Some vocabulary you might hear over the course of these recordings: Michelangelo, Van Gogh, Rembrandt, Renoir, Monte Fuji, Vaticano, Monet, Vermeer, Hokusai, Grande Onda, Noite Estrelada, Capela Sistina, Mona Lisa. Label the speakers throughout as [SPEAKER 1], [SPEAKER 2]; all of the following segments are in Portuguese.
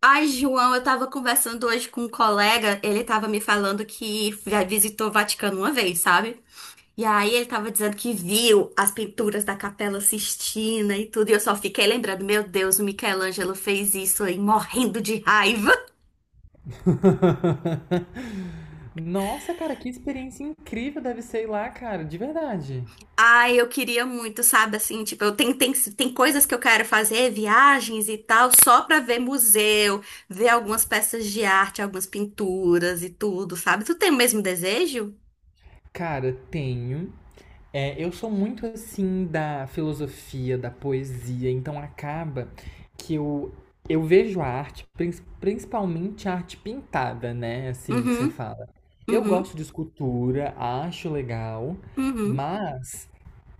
[SPEAKER 1] Ai, João, eu tava conversando hoje com um colega, ele tava me falando que já visitou o Vaticano uma vez, sabe? E aí ele tava dizendo que viu as pinturas da Capela Sistina e tudo, e eu só fiquei lembrando, meu Deus, o Michelangelo fez isso aí, morrendo de raiva.
[SPEAKER 2] Nossa, cara, que experiência incrível deve ser ir lá, cara, de verdade.
[SPEAKER 1] Ai, eu queria muito, sabe, assim, tipo, tem coisas que eu quero fazer, viagens e tal, só pra ver museu, ver algumas peças de arte, algumas pinturas e tudo, sabe? Tu tem o mesmo desejo?
[SPEAKER 2] Cara, tenho. É, eu sou muito assim da filosofia, da poesia, então acaba que eu vejo a arte, principalmente a arte pintada, né? Assim que você
[SPEAKER 1] Uhum,
[SPEAKER 2] fala. Eu
[SPEAKER 1] uhum,
[SPEAKER 2] gosto de escultura, acho legal,
[SPEAKER 1] uhum.
[SPEAKER 2] mas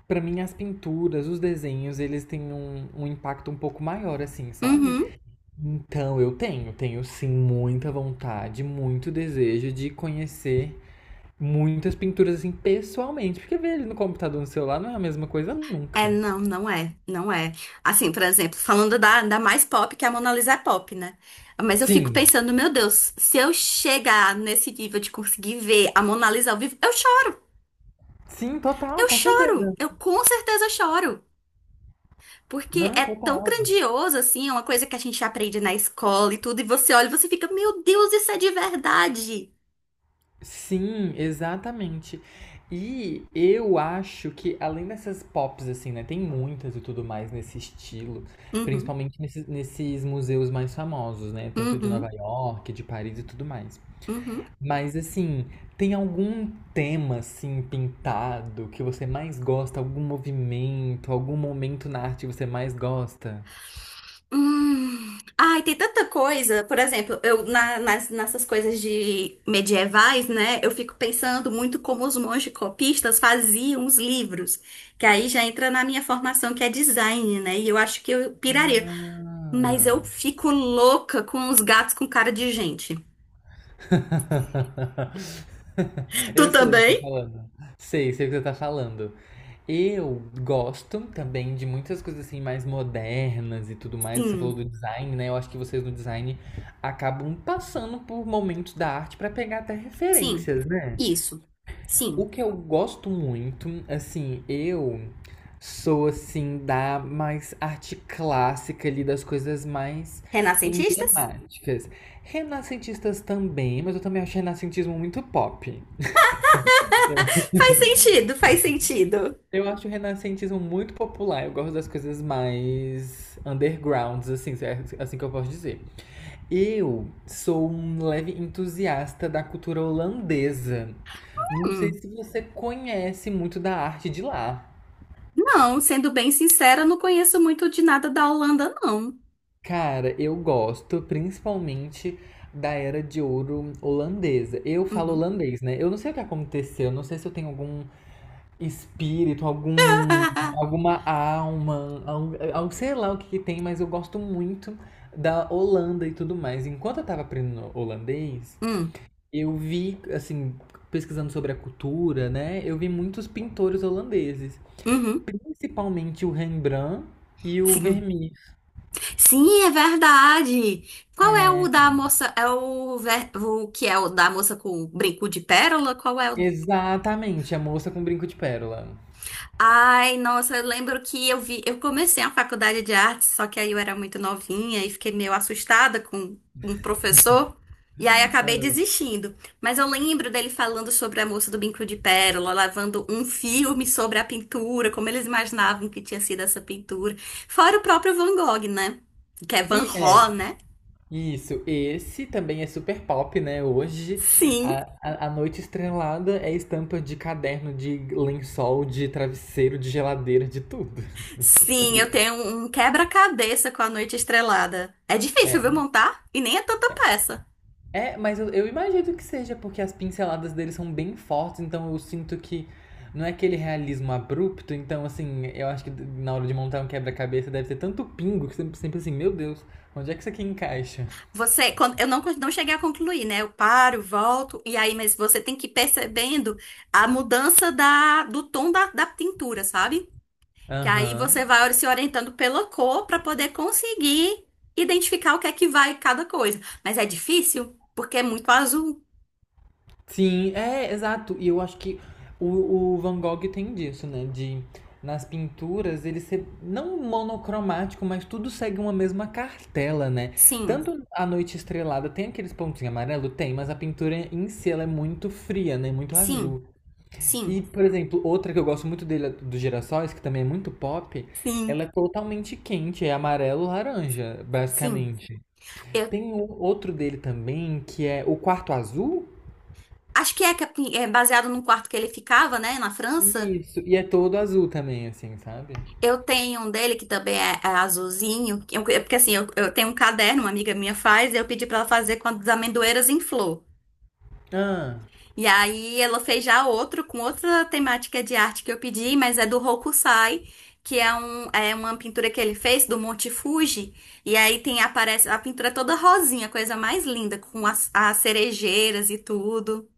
[SPEAKER 2] pra mim as pinturas, os desenhos, eles têm um impacto um pouco maior, assim, sabe?
[SPEAKER 1] Uhum.
[SPEAKER 2] Então, tenho sim muita vontade, muito desejo de conhecer muitas pinturas assim pessoalmente, porque ver ele no computador, no celular não é a mesma coisa
[SPEAKER 1] É,
[SPEAKER 2] nunca.
[SPEAKER 1] não, não é, não é. Assim, por exemplo, falando da mais pop, que é a Mona Lisa é pop, né? Mas eu fico
[SPEAKER 2] Sim,
[SPEAKER 1] pensando, meu Deus, se eu chegar nesse nível de conseguir ver a Mona Lisa ao vivo, eu choro,
[SPEAKER 2] sim, total,
[SPEAKER 1] eu
[SPEAKER 2] com
[SPEAKER 1] choro,
[SPEAKER 2] certeza.
[SPEAKER 1] eu com certeza choro. Porque
[SPEAKER 2] Não,
[SPEAKER 1] é tão
[SPEAKER 2] total.
[SPEAKER 1] grandioso, assim, é uma coisa que a gente aprende na escola e tudo, e você olha e você fica, meu Deus, isso é de verdade.
[SPEAKER 2] Sim, exatamente. E eu acho que além dessas pops assim, né, tem muitas e tudo mais nesse estilo,
[SPEAKER 1] Uhum,
[SPEAKER 2] principalmente nesses museus mais famosos, né, tanto de Nova
[SPEAKER 1] uhum,
[SPEAKER 2] York, de Paris e tudo mais.
[SPEAKER 1] uhum.
[SPEAKER 2] Mas assim, tem algum tema assim pintado que você mais gosta? Algum movimento, algum momento na arte que você mais gosta?
[SPEAKER 1] Hum. Ai, tem tanta coisa. Por exemplo, nessas coisas de medievais, né? Eu fico pensando muito como os monges copistas faziam os livros, que aí já entra na minha formação que é design, né? E eu acho que eu piraria. Mas
[SPEAKER 2] Ah.
[SPEAKER 1] eu fico louca com os gatos com cara de gente. Tu
[SPEAKER 2] Eu sei o que você tá
[SPEAKER 1] também?
[SPEAKER 2] falando. Sei, sei o que você tá falando. Eu gosto também de muitas coisas assim mais modernas e tudo mais. Você falou
[SPEAKER 1] Sim,
[SPEAKER 2] do design, né? Eu acho que vocês no design acabam passando por momentos da arte pra pegar até
[SPEAKER 1] sim.
[SPEAKER 2] referências, né?
[SPEAKER 1] Isso. Sim.
[SPEAKER 2] O que eu gosto muito, assim, eu sou assim da mais arte clássica ali, das coisas mais
[SPEAKER 1] Renascentistas?
[SPEAKER 2] emblemáticas. Renascentistas também, mas eu também acho renascentismo muito pop. Eu,
[SPEAKER 1] Faz sentido, faz sentido.
[SPEAKER 2] eu acho o renascentismo muito popular, eu gosto das coisas mais undergrounds, assim, se é assim que eu posso dizer. Eu sou um leve entusiasta da cultura holandesa. Não sei
[SPEAKER 1] Hum.
[SPEAKER 2] se você conhece muito da arte de lá.
[SPEAKER 1] Não, sendo bem sincera, não conheço muito de nada da Holanda, não.
[SPEAKER 2] Cara, eu gosto principalmente da era de ouro holandesa. Eu falo
[SPEAKER 1] Uhum.
[SPEAKER 2] holandês, né? Eu não sei o que aconteceu, não sei se eu tenho algum espírito, algum, alguma alma, algo, sei lá o que que tem, mas eu gosto muito da Holanda e tudo mais. Enquanto eu tava aprendendo holandês,
[SPEAKER 1] Hum,
[SPEAKER 2] eu vi, assim, pesquisando sobre a cultura, né? Eu vi muitos pintores holandeses,
[SPEAKER 1] uhum.
[SPEAKER 2] principalmente o Rembrandt e o
[SPEAKER 1] Sim.
[SPEAKER 2] Vermeer.
[SPEAKER 1] Sim, é verdade. Qual é o
[SPEAKER 2] É,
[SPEAKER 1] da moça? É o que é o da moça com o brinco de pérola? Qual é o.
[SPEAKER 2] Exatamente, a moça com brinco de pérola.
[SPEAKER 1] Ai, nossa, eu lembro que eu vi, eu comecei a faculdade de artes, só que aí eu era muito novinha e fiquei meio assustada com um professor, e aí acabei desistindo. Mas eu lembro dele falando sobre a moça do bico de pérola, lavando um filme sobre a pintura, como eles imaginavam que tinha sido essa pintura. Fora o próprio Van Gogh, né? Que é Van
[SPEAKER 2] E é,
[SPEAKER 1] Gogh, né?
[SPEAKER 2] isso, esse também é super pop, né? Hoje,
[SPEAKER 1] Sim,
[SPEAKER 2] a noite estrelada é estampa de caderno, de lençol, de travesseiro, de geladeira, de tudo.
[SPEAKER 1] sim, eu tenho um quebra-cabeça com a Noite Estrelada. É difícil, viu,
[SPEAKER 2] É,
[SPEAKER 1] montar? E nem é tanta peça.
[SPEAKER 2] é mas eu imagino que seja porque as pinceladas dele são bem fortes, então eu sinto que não é aquele realismo abrupto, então assim, eu acho que na hora de montar um quebra-cabeça deve ter tanto pingo que sempre, sempre assim, meu Deus, onde é que isso aqui encaixa?
[SPEAKER 1] Você, quando, eu não, não cheguei a concluir, né? Eu paro, volto, e aí, mas você tem que ir percebendo a mudança do tom da pintura, sabe? Que aí você
[SPEAKER 2] Aham.
[SPEAKER 1] vai se orientando pela cor para poder conseguir identificar o que é que vai cada coisa. Mas é difícil, porque é muito azul.
[SPEAKER 2] Sim, é, exato. E eu acho que o Van Gogh tem disso, né? De nas pinturas ele ser não monocromático, mas tudo segue uma mesma cartela, né?
[SPEAKER 1] Sim,
[SPEAKER 2] Tanto a noite estrelada tem aqueles pontinhos amarelo, tem, mas a pintura em si ela é muito fria, né? Muito
[SPEAKER 1] sim,
[SPEAKER 2] azul. E,
[SPEAKER 1] sim,
[SPEAKER 2] por exemplo, outra que eu gosto muito dele, a dos girassóis, que também é muito pop,
[SPEAKER 1] sim,
[SPEAKER 2] ela é totalmente quente, é amarelo-laranja,
[SPEAKER 1] sim.
[SPEAKER 2] basicamente.
[SPEAKER 1] Eu
[SPEAKER 2] Tem um outro dele também, que é o quarto azul.
[SPEAKER 1] acho que é assim, é baseado num quarto que ele ficava, né, na França.
[SPEAKER 2] Isso, e é todo azul também, assim, sabe?
[SPEAKER 1] Eu tenho um dele que também é azulzinho, que eu- é porque assim, eu tenho um caderno, uma amiga minha faz, e eu pedi pra ela fazer com as amendoeiras em flor.
[SPEAKER 2] Ah,
[SPEAKER 1] E aí ela fez já outro, com outra temática de arte que eu pedi, mas é do Hokusai, que é, um, é uma pintura que ele fez do Monte Fuji. E aí tem, aparece a pintura é toda rosinha, coisa mais linda, com as cerejeiras e tudo.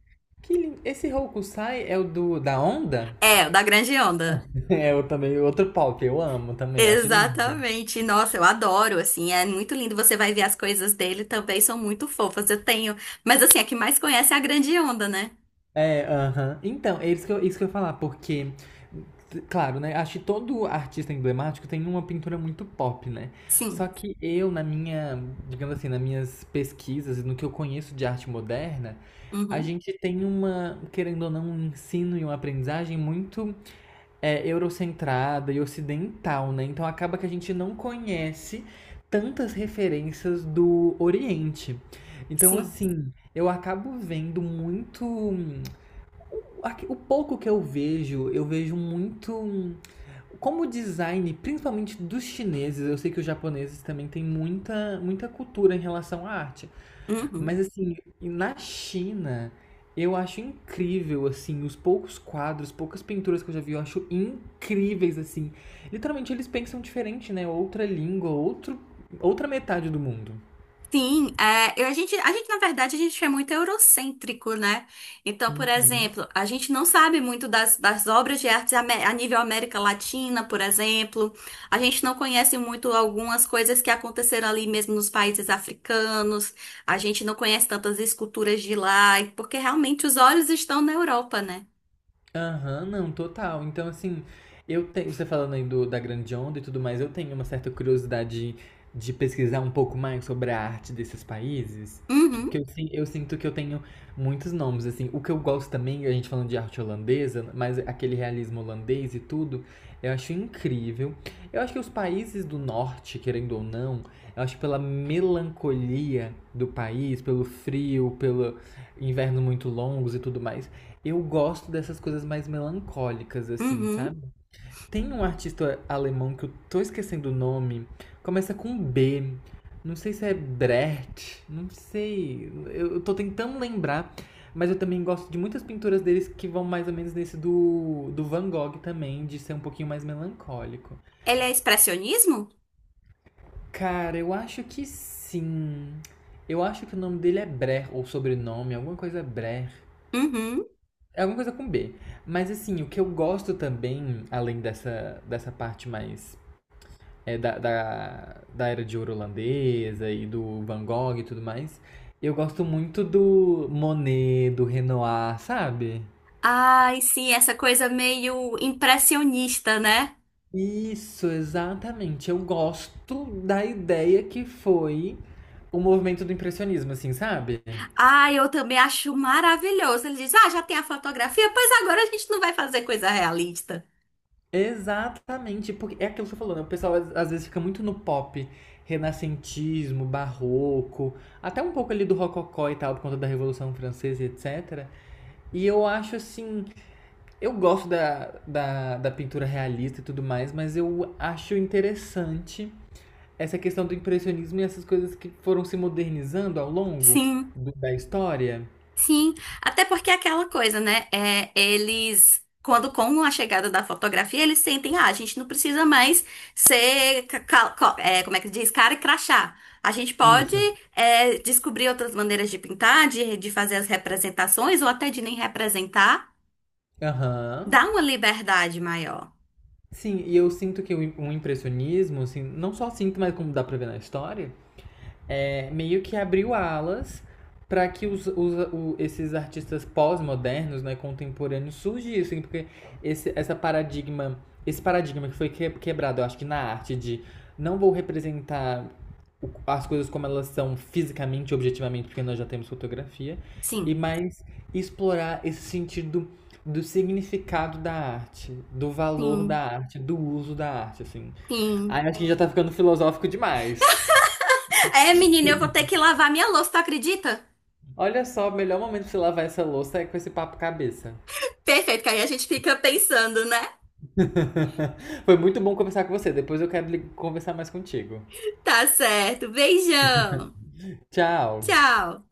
[SPEAKER 2] que lindo. Esse Hokusai é o do da onda?
[SPEAKER 1] É, o da Grande Onda.
[SPEAKER 2] É o também outro pau que eu amo também, acho lindo.
[SPEAKER 1] Exatamente. Nossa, eu adoro, assim, é muito lindo. Você vai ver as coisas dele também, são muito fofas. Eu tenho, mas assim, a que mais conhece é a grande onda, né?
[SPEAKER 2] É, aham. Então, é isso que eu ia falar, porque, claro, né? Acho que todo artista emblemático tem uma pintura muito pop, né? Só
[SPEAKER 1] Sim.
[SPEAKER 2] que eu, na minha, digamos assim, nas minhas pesquisas, no que eu conheço de arte moderna, a
[SPEAKER 1] Uhum.
[SPEAKER 2] gente tem uma, querendo ou não, um ensino e uma aprendizagem muito eurocentrada e ocidental, né? Então acaba que a gente não conhece tantas referências do Oriente. Então,
[SPEAKER 1] Sim.
[SPEAKER 2] assim, eu acabo vendo muito o pouco que eu vejo muito um, como design, principalmente dos chineses, eu sei que os japoneses também têm muita, muita cultura em relação à arte.
[SPEAKER 1] Uhum.
[SPEAKER 2] Mas assim, na China, eu acho incrível assim, os poucos quadros, poucas pinturas que eu já vi, eu acho incríveis assim. Literalmente eles pensam diferente, né? Outra língua, outro, outra metade do mundo.
[SPEAKER 1] Sim, é, eu- na verdade, a gente é muito eurocêntrico, né? Então, por
[SPEAKER 2] Hum.
[SPEAKER 1] exemplo, a gente não sabe muito das obras de arte ame- a nível América Latina, por exemplo. A gente não conhece muito algumas coisas que aconteceram ali mesmo nos países africanos. A gente não conhece tantas esculturas de lá, porque realmente os olhos estão na Europa, né?
[SPEAKER 2] Aham, não, total. Então, assim, eu tenho, você falando aí do, da grande onda e tudo mais, eu tenho uma certa curiosidade de pesquisar um pouco mais sobre a arte desses países. Porque
[SPEAKER 1] Uhum,
[SPEAKER 2] eu, eu sinto que eu tenho muitos nomes, assim. O que eu gosto também, a gente falando de arte holandesa, mas aquele realismo holandês e tudo, eu acho incrível. Eu acho que os países do norte, querendo ou não, eu acho que pela melancolia do país, pelo frio, pelo inverno muito longos e tudo mais, eu gosto dessas coisas mais melancólicas, assim,
[SPEAKER 1] uhum.
[SPEAKER 2] sabe? Tem um artista alemão que eu tô esquecendo o nome, começa com B, não sei se é Brecht, não sei, eu tô tentando lembrar, mas eu também gosto de muitas pinturas deles que vão mais ou menos nesse do Van Gogh também, de ser um pouquinho mais melancólico.
[SPEAKER 1] Ele é expressionismo?
[SPEAKER 2] Cara, eu acho que sim. Eu acho que o nome dele é Brecht, ou sobrenome, alguma coisa Brecht.
[SPEAKER 1] Uhum.
[SPEAKER 2] É alguma coisa com B. Mas assim, o que eu gosto também, além dessa, dessa parte mais da era de ouro holandesa e do Van Gogh e tudo mais, eu gosto muito do Monet, do Renoir, sabe?
[SPEAKER 1] Ai, sim, essa coisa meio impressionista, né?
[SPEAKER 2] Isso, exatamente. Eu gosto da ideia que foi o movimento do impressionismo, assim, sabe?
[SPEAKER 1] Ah, eu também acho maravilhoso. Ele diz: ah, já tem a fotografia? Pois agora a gente não vai fazer coisa realista.
[SPEAKER 2] Exatamente, porque é aquilo que você falou, né? O pessoal às vezes fica muito no pop, renascentismo, barroco, até um pouco ali do rococó e tal, por conta da Revolução Francesa e etc. E eu acho assim, eu gosto da pintura realista e tudo mais, mas eu acho interessante essa questão do impressionismo e essas coisas que foram se modernizando ao longo
[SPEAKER 1] Sim,
[SPEAKER 2] da história.
[SPEAKER 1] sim. Até porque é aquela coisa, né? É, eles, quando com a chegada da fotografia, eles sentem: ah, a gente não precisa mais ser, ca- ca- co- é, como é que diz, cara e crachá. A gente pode
[SPEAKER 2] Isso.
[SPEAKER 1] é, descobrir outras maneiras de pintar, de fazer as representações, ou até de nem representar.
[SPEAKER 2] Aham.
[SPEAKER 1] Dá uma liberdade maior.
[SPEAKER 2] Sim, e eu sinto que o impressionismo, assim, não só sinto, mas como dá pra ver na história, meio que abriu alas para que esses artistas pós-modernos, né, contemporâneos surgissem, porque esse essa paradigma, esse paradigma que foi quebrado, eu acho que na arte de não vou representar as coisas como elas são fisicamente, objetivamente, porque nós já temos fotografia, e
[SPEAKER 1] Sim,
[SPEAKER 2] mais explorar esse sentido do significado da arte, do valor da
[SPEAKER 1] sim,
[SPEAKER 2] arte, do uso da arte, assim.
[SPEAKER 1] sim.
[SPEAKER 2] Aí acho que já tá ficando filosófico demais.
[SPEAKER 1] É, menina, eu vou ter que lavar minha louça, tu acredita?
[SPEAKER 2] Olha só, o melhor momento de se lavar essa louça é com esse papo cabeça.
[SPEAKER 1] Perfeito, que aí a gente fica pensando, né?
[SPEAKER 2] Foi muito bom conversar com você. Depois eu quero conversar mais contigo.
[SPEAKER 1] Tá certo. Beijão.
[SPEAKER 2] Tchau.
[SPEAKER 1] Tchau.